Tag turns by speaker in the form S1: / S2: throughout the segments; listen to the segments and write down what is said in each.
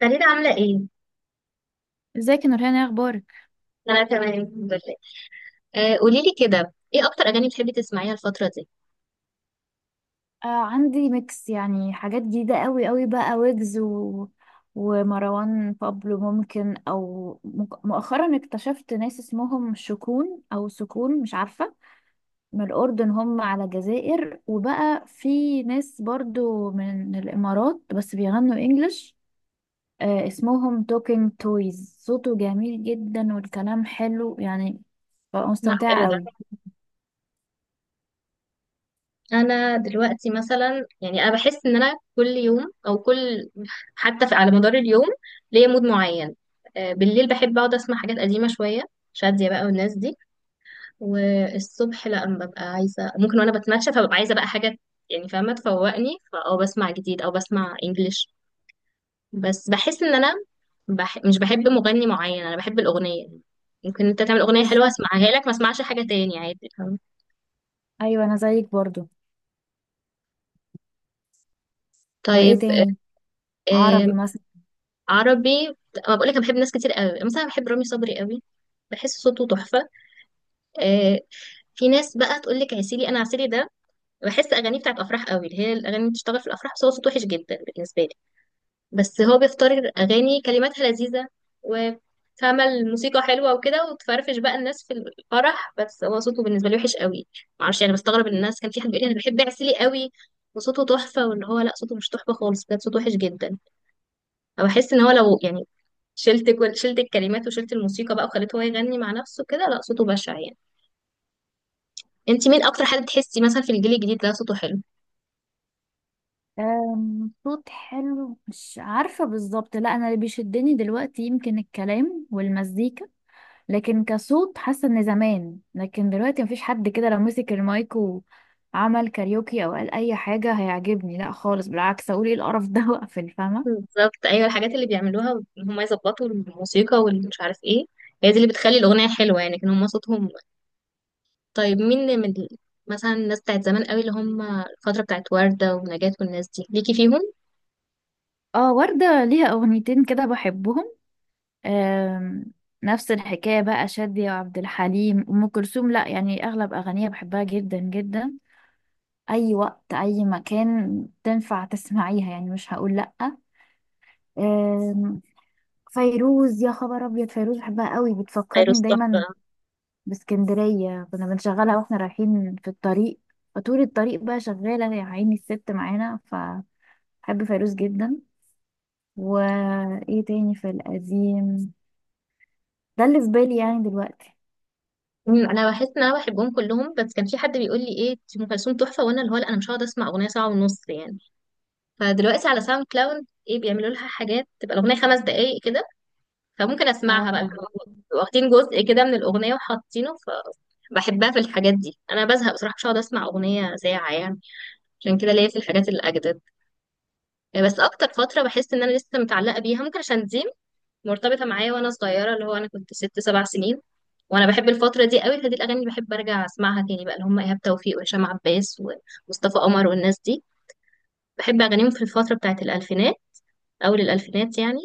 S1: فريدة عاملة ايه؟
S2: ازيك يا نورهان؟ ايه اخبارك؟
S1: أنا تمام الحمد لله. قولي لي كده ايه أكتر أغاني بتحبي تسمعيها الفترة دي؟
S2: آه، عندي ميكس، يعني حاجات جديدة قوي قوي بقى، ويجز ومروان بابلو، ممكن او مؤخرا اكتشفت ناس اسمهم شكون او سكون، مش عارفة. من الاردن، هم على الجزائر. وبقى في ناس برضو من الامارات بس بيغنوا انجلش. آه، اسمهم توكينج تويز، صوته جميل جدا والكلام حلو يعني. بقى
S1: لا،
S2: مستمتعة
S1: حلو ده.
S2: قوي.
S1: أنا دلوقتي مثلا يعني أنا بحس إن أنا كل يوم أو كل حتى في على مدار اليوم ليا مود معين. بالليل بحب أقعد أسمع حاجات قديمة شوية، شادية بقى والناس دي. والصبح لأ، أنا ببقى عايزة ممكن وأنا بتمشى فببقى عايزة بقى حاجة يعني فاهمة تفوقني فأه بسمع جديد أو بسمع إنجليش. بس بحس إن أنا مش بحب مغني معين، انا بحب الاغنيه. ممكن انت تعمل اغنيه حلوه
S2: بالظبط.
S1: اسمعها لك ما اسمعش حاجه تاني عادي، فاهم؟
S2: ايوه انا زيك برضو. وايه
S1: طيب،
S2: تاني؟ عربي
S1: آه...
S2: مثلا.
S1: عربي. ما بقول لك انا بحب ناس كتير قوي، مثلا بحب رامي صبري قوي، بحس صوته تحفه. آه... في ناس بقى تقول لك عسيلي، انا عسيلي ده بحس اغانيه بتاعت افراح قوي، اللي هي الاغاني اللي بتشتغل في الافراح، بس هو صوته وحش جدا بالنسبه لي. بس هو بيختار اغاني كلماتها لذيذه وفاهمه الموسيقى حلوه وكده وتفرفش بقى الناس في الفرح، بس هو صوته بالنسبه لي وحش قوي. معرفش يعني، بستغرب ان الناس كان في حد بيقول لي انا بحب عسيلي قوي وصوته تحفه، واللي هو لا صوته مش تحفه خالص بجد، صوته وحش جدا. فبحس ان هو لو يعني شلت الكلمات وشلت الموسيقى بقى وخليته هو يغني مع نفسه كده، لا صوته بشع يعني. انت مين اكتر حد تحسي مثلا في الجيل الجديد ده صوته حلو؟
S2: صوت حلو مش عارفة بالظبط، لا. أنا اللي بيشدني دلوقتي يمكن الكلام والمزيكا، لكن كصوت حاسة إن زمان. لكن دلوقتي مفيش حد كده، لو مسك المايك وعمل كاريوكي أو قال أي حاجة هيعجبني، لا خالص، بالعكس أقول إيه القرف ده وأقفل، فاهمة.
S1: بالظبط، ايوه الحاجات اللي بيعملوها ان هم يظبطوا الموسيقى والمش عارف ايه، هي دي اللي بتخلي الاغنيه حلوه، يعني كان هم صوتهم. طيب، مين مثلا الناس بتاعت زمان قوي اللي هم الفتره بتاعت ورده ونجاة والناس دي، ليكي فيهم؟
S2: اه، وردة ليها أغنيتين كده بحبهم. أم، نفس الحكاية بقى شادية وعبد الحليم، أم كلثوم لا، يعني أغلب أغانيها بحبها جدا جدا. اي وقت اي مكان تنفع تسمعيها، يعني مش هقول لأ. أم، فيروز، يا خبر ابيض. فيروز بحبها قوي، بتفكرني
S1: فيروز
S2: دايما
S1: تحفه.
S2: باسكندرية. كنا بنشغلها واحنا رايحين في الطريق، فطول الطريق بقى شغالة يا عيني الست معانا، فبحب فيروز جدا. وايه تاني في القديم؟ ده اللي في بالي يعني دلوقتي.
S1: انا بحس ان انا بحبهم كلهم، بس كان في حد بيقول لي ايه دي ام كلثوم تحفه، وانا اللي هو لا، انا مش هقعد اسمع اغنيه ساعه ونص يعني. فدلوقتي على ساوند كلاود ايه بيعملوا لها حاجات تبقى الاغنيه 5 دقائق كده، فممكن اسمعها بقى،
S2: اه
S1: بيبقوا واخدين جزء كده من الاغنيه وحاطينه. فبحبها في الحاجات دي، انا بزهق بصراحه، مش هقعد اسمع اغنيه ساعه يعني. عشان كده ليا في الحاجات الاجدد، بس اكتر فتره بحس ان انا لسه متعلقه بيها ممكن عشان دي مرتبطه معايا وانا صغيره، اللي هو انا كنت ست سبع سنين وانا بحب الفتره دي قوي، فدي الاغاني اللي بحب ارجع اسمعها تاني بقى، اللي هم ايهاب توفيق وهشام عباس ومصطفى قمر والناس دي. بحب اغانيهم في الفتره بتاعت الالفينات، اول الالفينات يعني.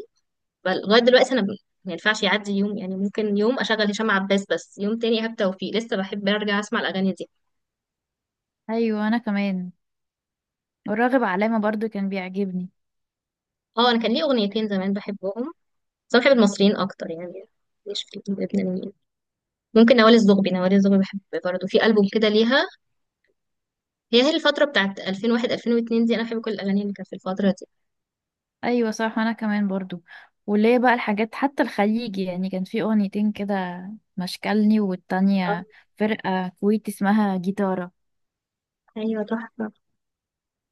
S1: لغايه دلوقتي انا ما ينفعش يعدي يوم، يعني ممكن يوم اشغل هشام عباس بس يوم تاني ايهاب توفيق، لسه بحب ارجع اسمع الاغاني دي.
S2: ايوه انا كمان. والراغب علامة برضو كان بيعجبني.
S1: اه، انا كان ليه اغنيتين زمان بحبهم، بس انا بحب المصريين اكتر يعني، مش في اللبنانيين. ممكن نوال الزغبي بحب برضه في البوم كده ليها، هي الفتره بتاعت 2001 2002 دي انا بحب كل الاغاني اللي كانت في الفتره دي.
S2: ايوه صح وانا كمان برضو. وليه بقى الحاجات، حتى الخليجي يعني كان في اغنيتين كده، مشكلني والتانية
S1: اه
S2: فرقة كويتي اسمها جيتارة.
S1: ايوه تحفه،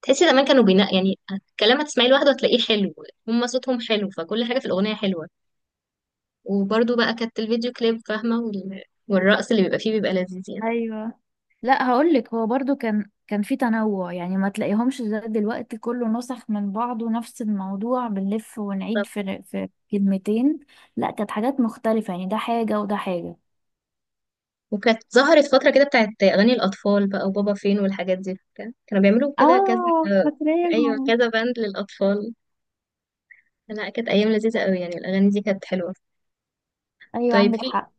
S1: تحسي زمان كانوا بينا يعني، الكلام هتسمعيه لوحده هتلاقيه حلو، هم صوتهم حلو فكل حاجه في الاغنيه حلوه. وبرضو بقى كانت الفيديو كليب فاهمة والرقص اللي بيبقى فيه بيبقى لذيذ يعني.
S2: ايوه. لا هقولك، هو برضو كان في تنوع، يعني ما تلاقيهمش زي دلوقتي كله نسخ من بعضه، نفس الموضوع بنلف ونعيد
S1: طب.
S2: في كلمتين. لا كانت حاجات مختلفة يعني، ده حاجة وده حاجة.
S1: وكانت ظهرت فترة كده بتاعت أغاني الأطفال بقى وبابا فين والحاجات دي، كانوا بيعملوا كده كذا.
S2: اه
S1: أيوة،
S2: فاكراهم.
S1: كذا باند للأطفال. لا، كانت أيام لذيذة قوي يعني، الأغاني دي كانت حلوة.
S2: ايوه
S1: طيب،
S2: عندك
S1: في
S2: حق.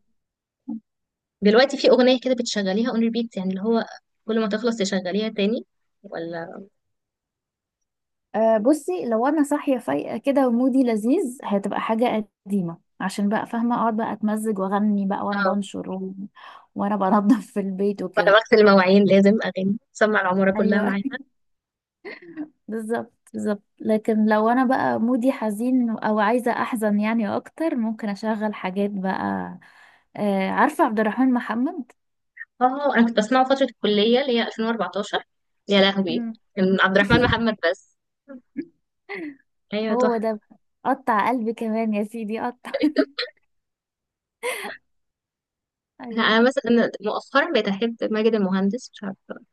S1: دلوقتي في أغنية كده بتشغليها اون ريبيت، يعني اللي هو كل ما تخلص تشغليها تاني، ولا؟
S2: أه بصي، لو انا صاحيه فايقه كده ومودي لذيذ، هتبقى حاجه قديمه، عشان بقى فاهمه اقعد بقى اتمزج واغني بقى وانا
S1: اه.
S2: بنشر وانا بنضف في البيت
S1: ولا
S2: وكده.
S1: بغسل المواعين لازم أغاني، سمع العمارة كلها
S2: ايوه
S1: معايا.
S2: بالظبط بالظبط، لكن لو انا بقى مودي حزين او عايزه احزن يعني اكتر، ممكن اشغل حاجات بقى. أه، عارفه عبد الرحمن محمد؟
S1: اه، انا كنت بسمعه فترة الكلية اللي هي 2014، يا لهوي.
S2: مم.
S1: كان عبد الرحمن محمد بس. ايوه
S2: هو ده
S1: تحفة.
S2: بقى. قطع قلبي كمان يا سيدي قطع
S1: لا، انا
S2: ايوه.
S1: مثلا مؤخرا بقيت احب ماجد المهندس، مش عارفة.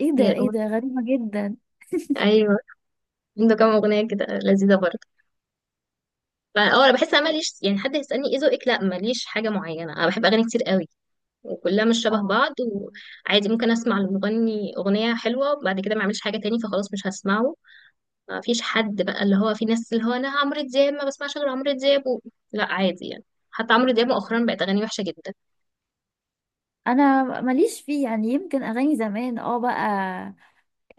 S2: ايه
S1: هي
S2: ده، ايه
S1: الأغنية.
S2: ده غريبه جدا.
S1: ايوه، عنده كام اغنية كده لذيذة برضه. فاه انا بحس انا ماليش يعني، حد يسألني ايه ذوقك، لا، ماليش حاجة معينة، انا بحب اغاني كتير قوي وكلها مش شبه
S2: اه
S1: بعض. وعادي ممكن اسمع المغني اغنية حلوة بعد كده ما اعملش حاجة تاني، فخلاص مش هسمعه. ما فيش حد بقى، اللي هو في ناس اللي هو انا عمرو دياب ما بسمعش غير عمرو دياب و... لا، عادي يعني. حتى عمرو دياب مؤخرا بقت اغانيه وحشه جدا.
S2: انا ماليش فيه يعني، يمكن اغاني زمان اه بقى،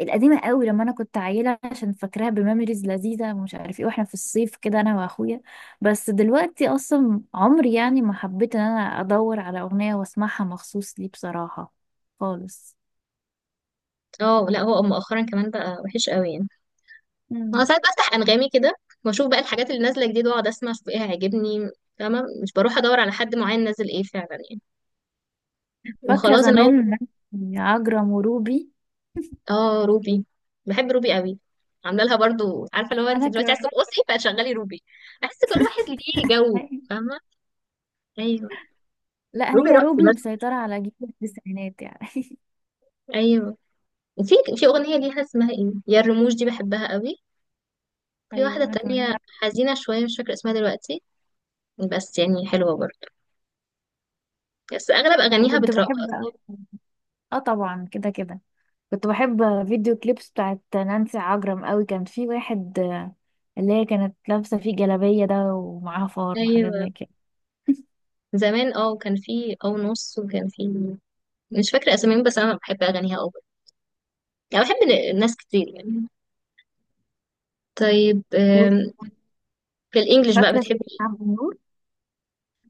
S2: القديمه قوي لما انا كنت عيله، عشان فاكراها بميموريز لذيذه ومش عارف ايه، واحنا في الصيف كده انا واخويا. بس دلوقتي اصلا عمري يعني ما حبيت ان انا ادور على اغنيه واسمعها مخصوص لي بصراحه، خالص.
S1: اه لا، هو مؤخرا كمان بقى وحش قوي يعني. انا
S2: مم.
S1: ساعات بفتح انغامي كده، واشوف بقى الحاجات اللي نازله جديد واقعد اسمع اشوف ايه هيعجبني، فاهمه، مش بروح ادور على حد معين نازل ايه فعلا يعني،
S2: فاكره
S1: وخلاص ان هو.
S2: زمان، عجرم وروبي.
S1: اه، روبي، بحب روبي قوي. عامله لها برضو، عارفه لو انت
S2: انا
S1: دلوقتي
S2: كمان.
S1: عايزه ترقصي فشغلي روبي، احس كل واحد ليه جو، فاهمه. ايوه،
S2: لا
S1: روبي
S2: هي
S1: رقص
S2: روبي
S1: بس.
S2: مسيطره على جيل التسعينات يعني
S1: ايوه، في أغنية ليها اسمها ايه يا الرموش دي بحبها قوي. في واحدة
S2: ايوه انا كمان
S1: تانية حزينة شوية مش فاكرة اسمها دلوقتي، بس يعني حلوة برضه، بس أغلب أغانيها
S2: وكنت
S1: بترقص.
S2: بحب قوي. اه طبعا كده كده، كنت بحب فيديو كليبس بتاعت نانسي عجرم قوي، كان في واحد اللي هي كانت لابسة فيه جلابية ده ومعاها فار وحاجات
S1: أيوة،
S2: زي كده.
S1: زمان اه كان في أو نص وكان في، مش فاكرة أساميهم، بس أنا بحب أغانيها أوي يعني، بحب ناس كتير يعني. طيب، في الإنجليش بقى
S2: فاكرة سيدي
S1: بتحبي إيه؟
S2: عبد النور.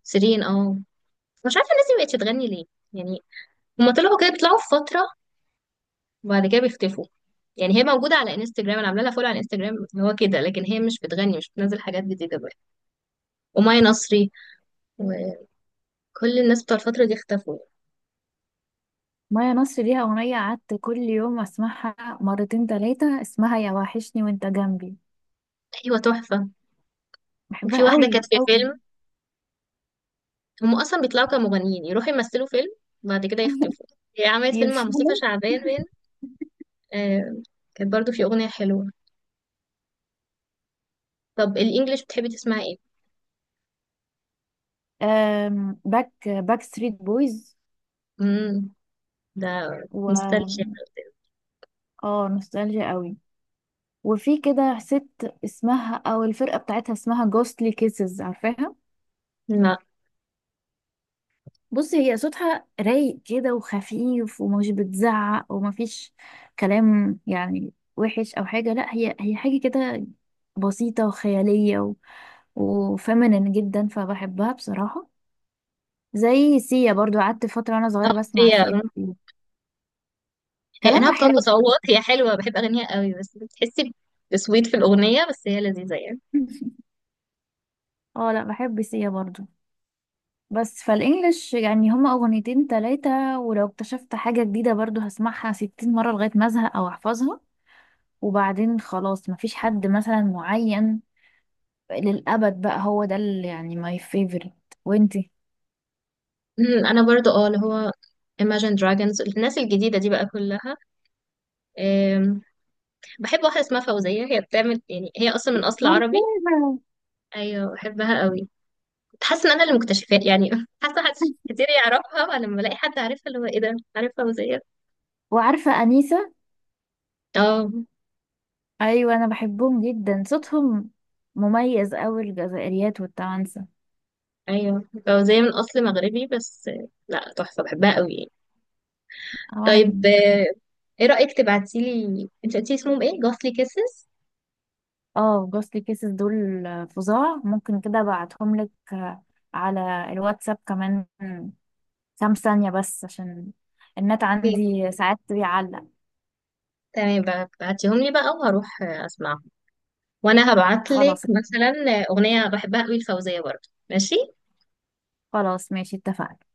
S1: سيرين، اه. مش عارفة الناس دي مبقتش تغني ليه يعني، هما طلعوا كده بيطلعوا في فترة وبعد كده بيختفوا. يعني هي موجودة على انستجرام، انا عاملة لها فولو على انستجرام اللي هو كده، لكن هي مش بتغني، مش بتنزل حاجات جديدة بقى. وماي نصري وكل الناس بتوع الفترة دي اختفوا.
S2: مايا نصر ليها أغنية قعدت كل يوم أسمعها مرتين تلاتة، اسمها يا وحشني وانت جنبي،
S1: ايوه تحفة. وفي
S2: بحبها
S1: واحدة كانت
S2: قوي
S1: في
S2: قوي
S1: فيلم، هم اصلا بيطلعوا كمغنيين يروحوا يمثلوا فيلم بعد كده يختفوا. هي عملت فيلم مع مصطفى
S2: يفشلوا.
S1: شعبان وين. آه، كانت برضو في اغنية حلوة. طب، الانجليش بتحبي تسمعي ايه؟
S2: باك ستريت بويز
S1: امم ده نوستالجيا.
S2: و اه نوستالجيا قوي. وفي كده ست اسمها، او الفرقة بتاعتها اسمها جوستلي كيسز، عارفاها؟
S1: لا
S2: بص هي صوتها رايق كده وخفيف ومش بتزعق، ومفيش كلام يعني وحش او حاجه، لا. هي هي حاجه كده بسيطه وخياليه وفيمينين جدا فبحبها بصراحه. زي سيا برضو، قعدت فتره وانا صغيره بسمع
S1: تغطية.
S2: سيا كتير.
S1: هي انها
S2: كلامها
S1: بتقعد
S2: حلو بصراحه
S1: تصوت، هي حلوه بحب اغانيها قوي، بس بتحسي بسويت في الاغنيه، بس هي لذيذه يعني.
S2: اه لا بحب سيا برضو. بس فالانجليش يعني هما اغنيتين تلاتة، ولو اكتشفت حاجه جديده برضو هسمعها 60 مره لغايه ما ازهق او احفظها، وبعدين خلاص. مفيش حد مثلا معين للأبد بقى، هو ده اللي يعني ماي فيفورت. وانتي؟
S1: انا برضو اه اللي هو Imagine Dragons الناس الجديده دي بقى كلها. أم، بحب واحده اسمها فوزيه، هي بتعمل يعني هي اصلا من اصل عربي.
S2: عارفاها.
S1: ايوه بحبها قوي، كنت حاسه ان انا اللي مكتشفاه يعني. حاسه حد كتير يعرفها ولما بلاقي حد عارفها اللي هو ايه ده عارف فوزيه.
S2: وعارفة أنيسة.
S1: اه
S2: أيوة أنا بحبهم جدا، صوتهم مميز أوي، الجزائريات والتوانسة.
S1: ايوه، فوزيه من اصل مغربي بس. لا تحفه بحبها قوي يعني.
S2: أو أنا
S1: طيب،
S2: كمان.
S1: ايه رأيك تبعتيلي انت قلتي اسمهم ايه، جوثلي كيسز؟
S2: اه جوستلي كيسز دول فظاع، ممكن كده أبعتهم لك على الواتساب، كمان كام ثانية بس عشان النت
S1: اوكي،
S2: عندي ساعات بيعلق.
S1: تمام بقى، بعتيهم لي بقى وهروح اسمعهم. وانا هبعتلك
S2: خلاص.
S1: مثلا اغنية بحبها قوي، الفوزية برضه، ماشي.
S2: خلاص ماشي اتفقنا.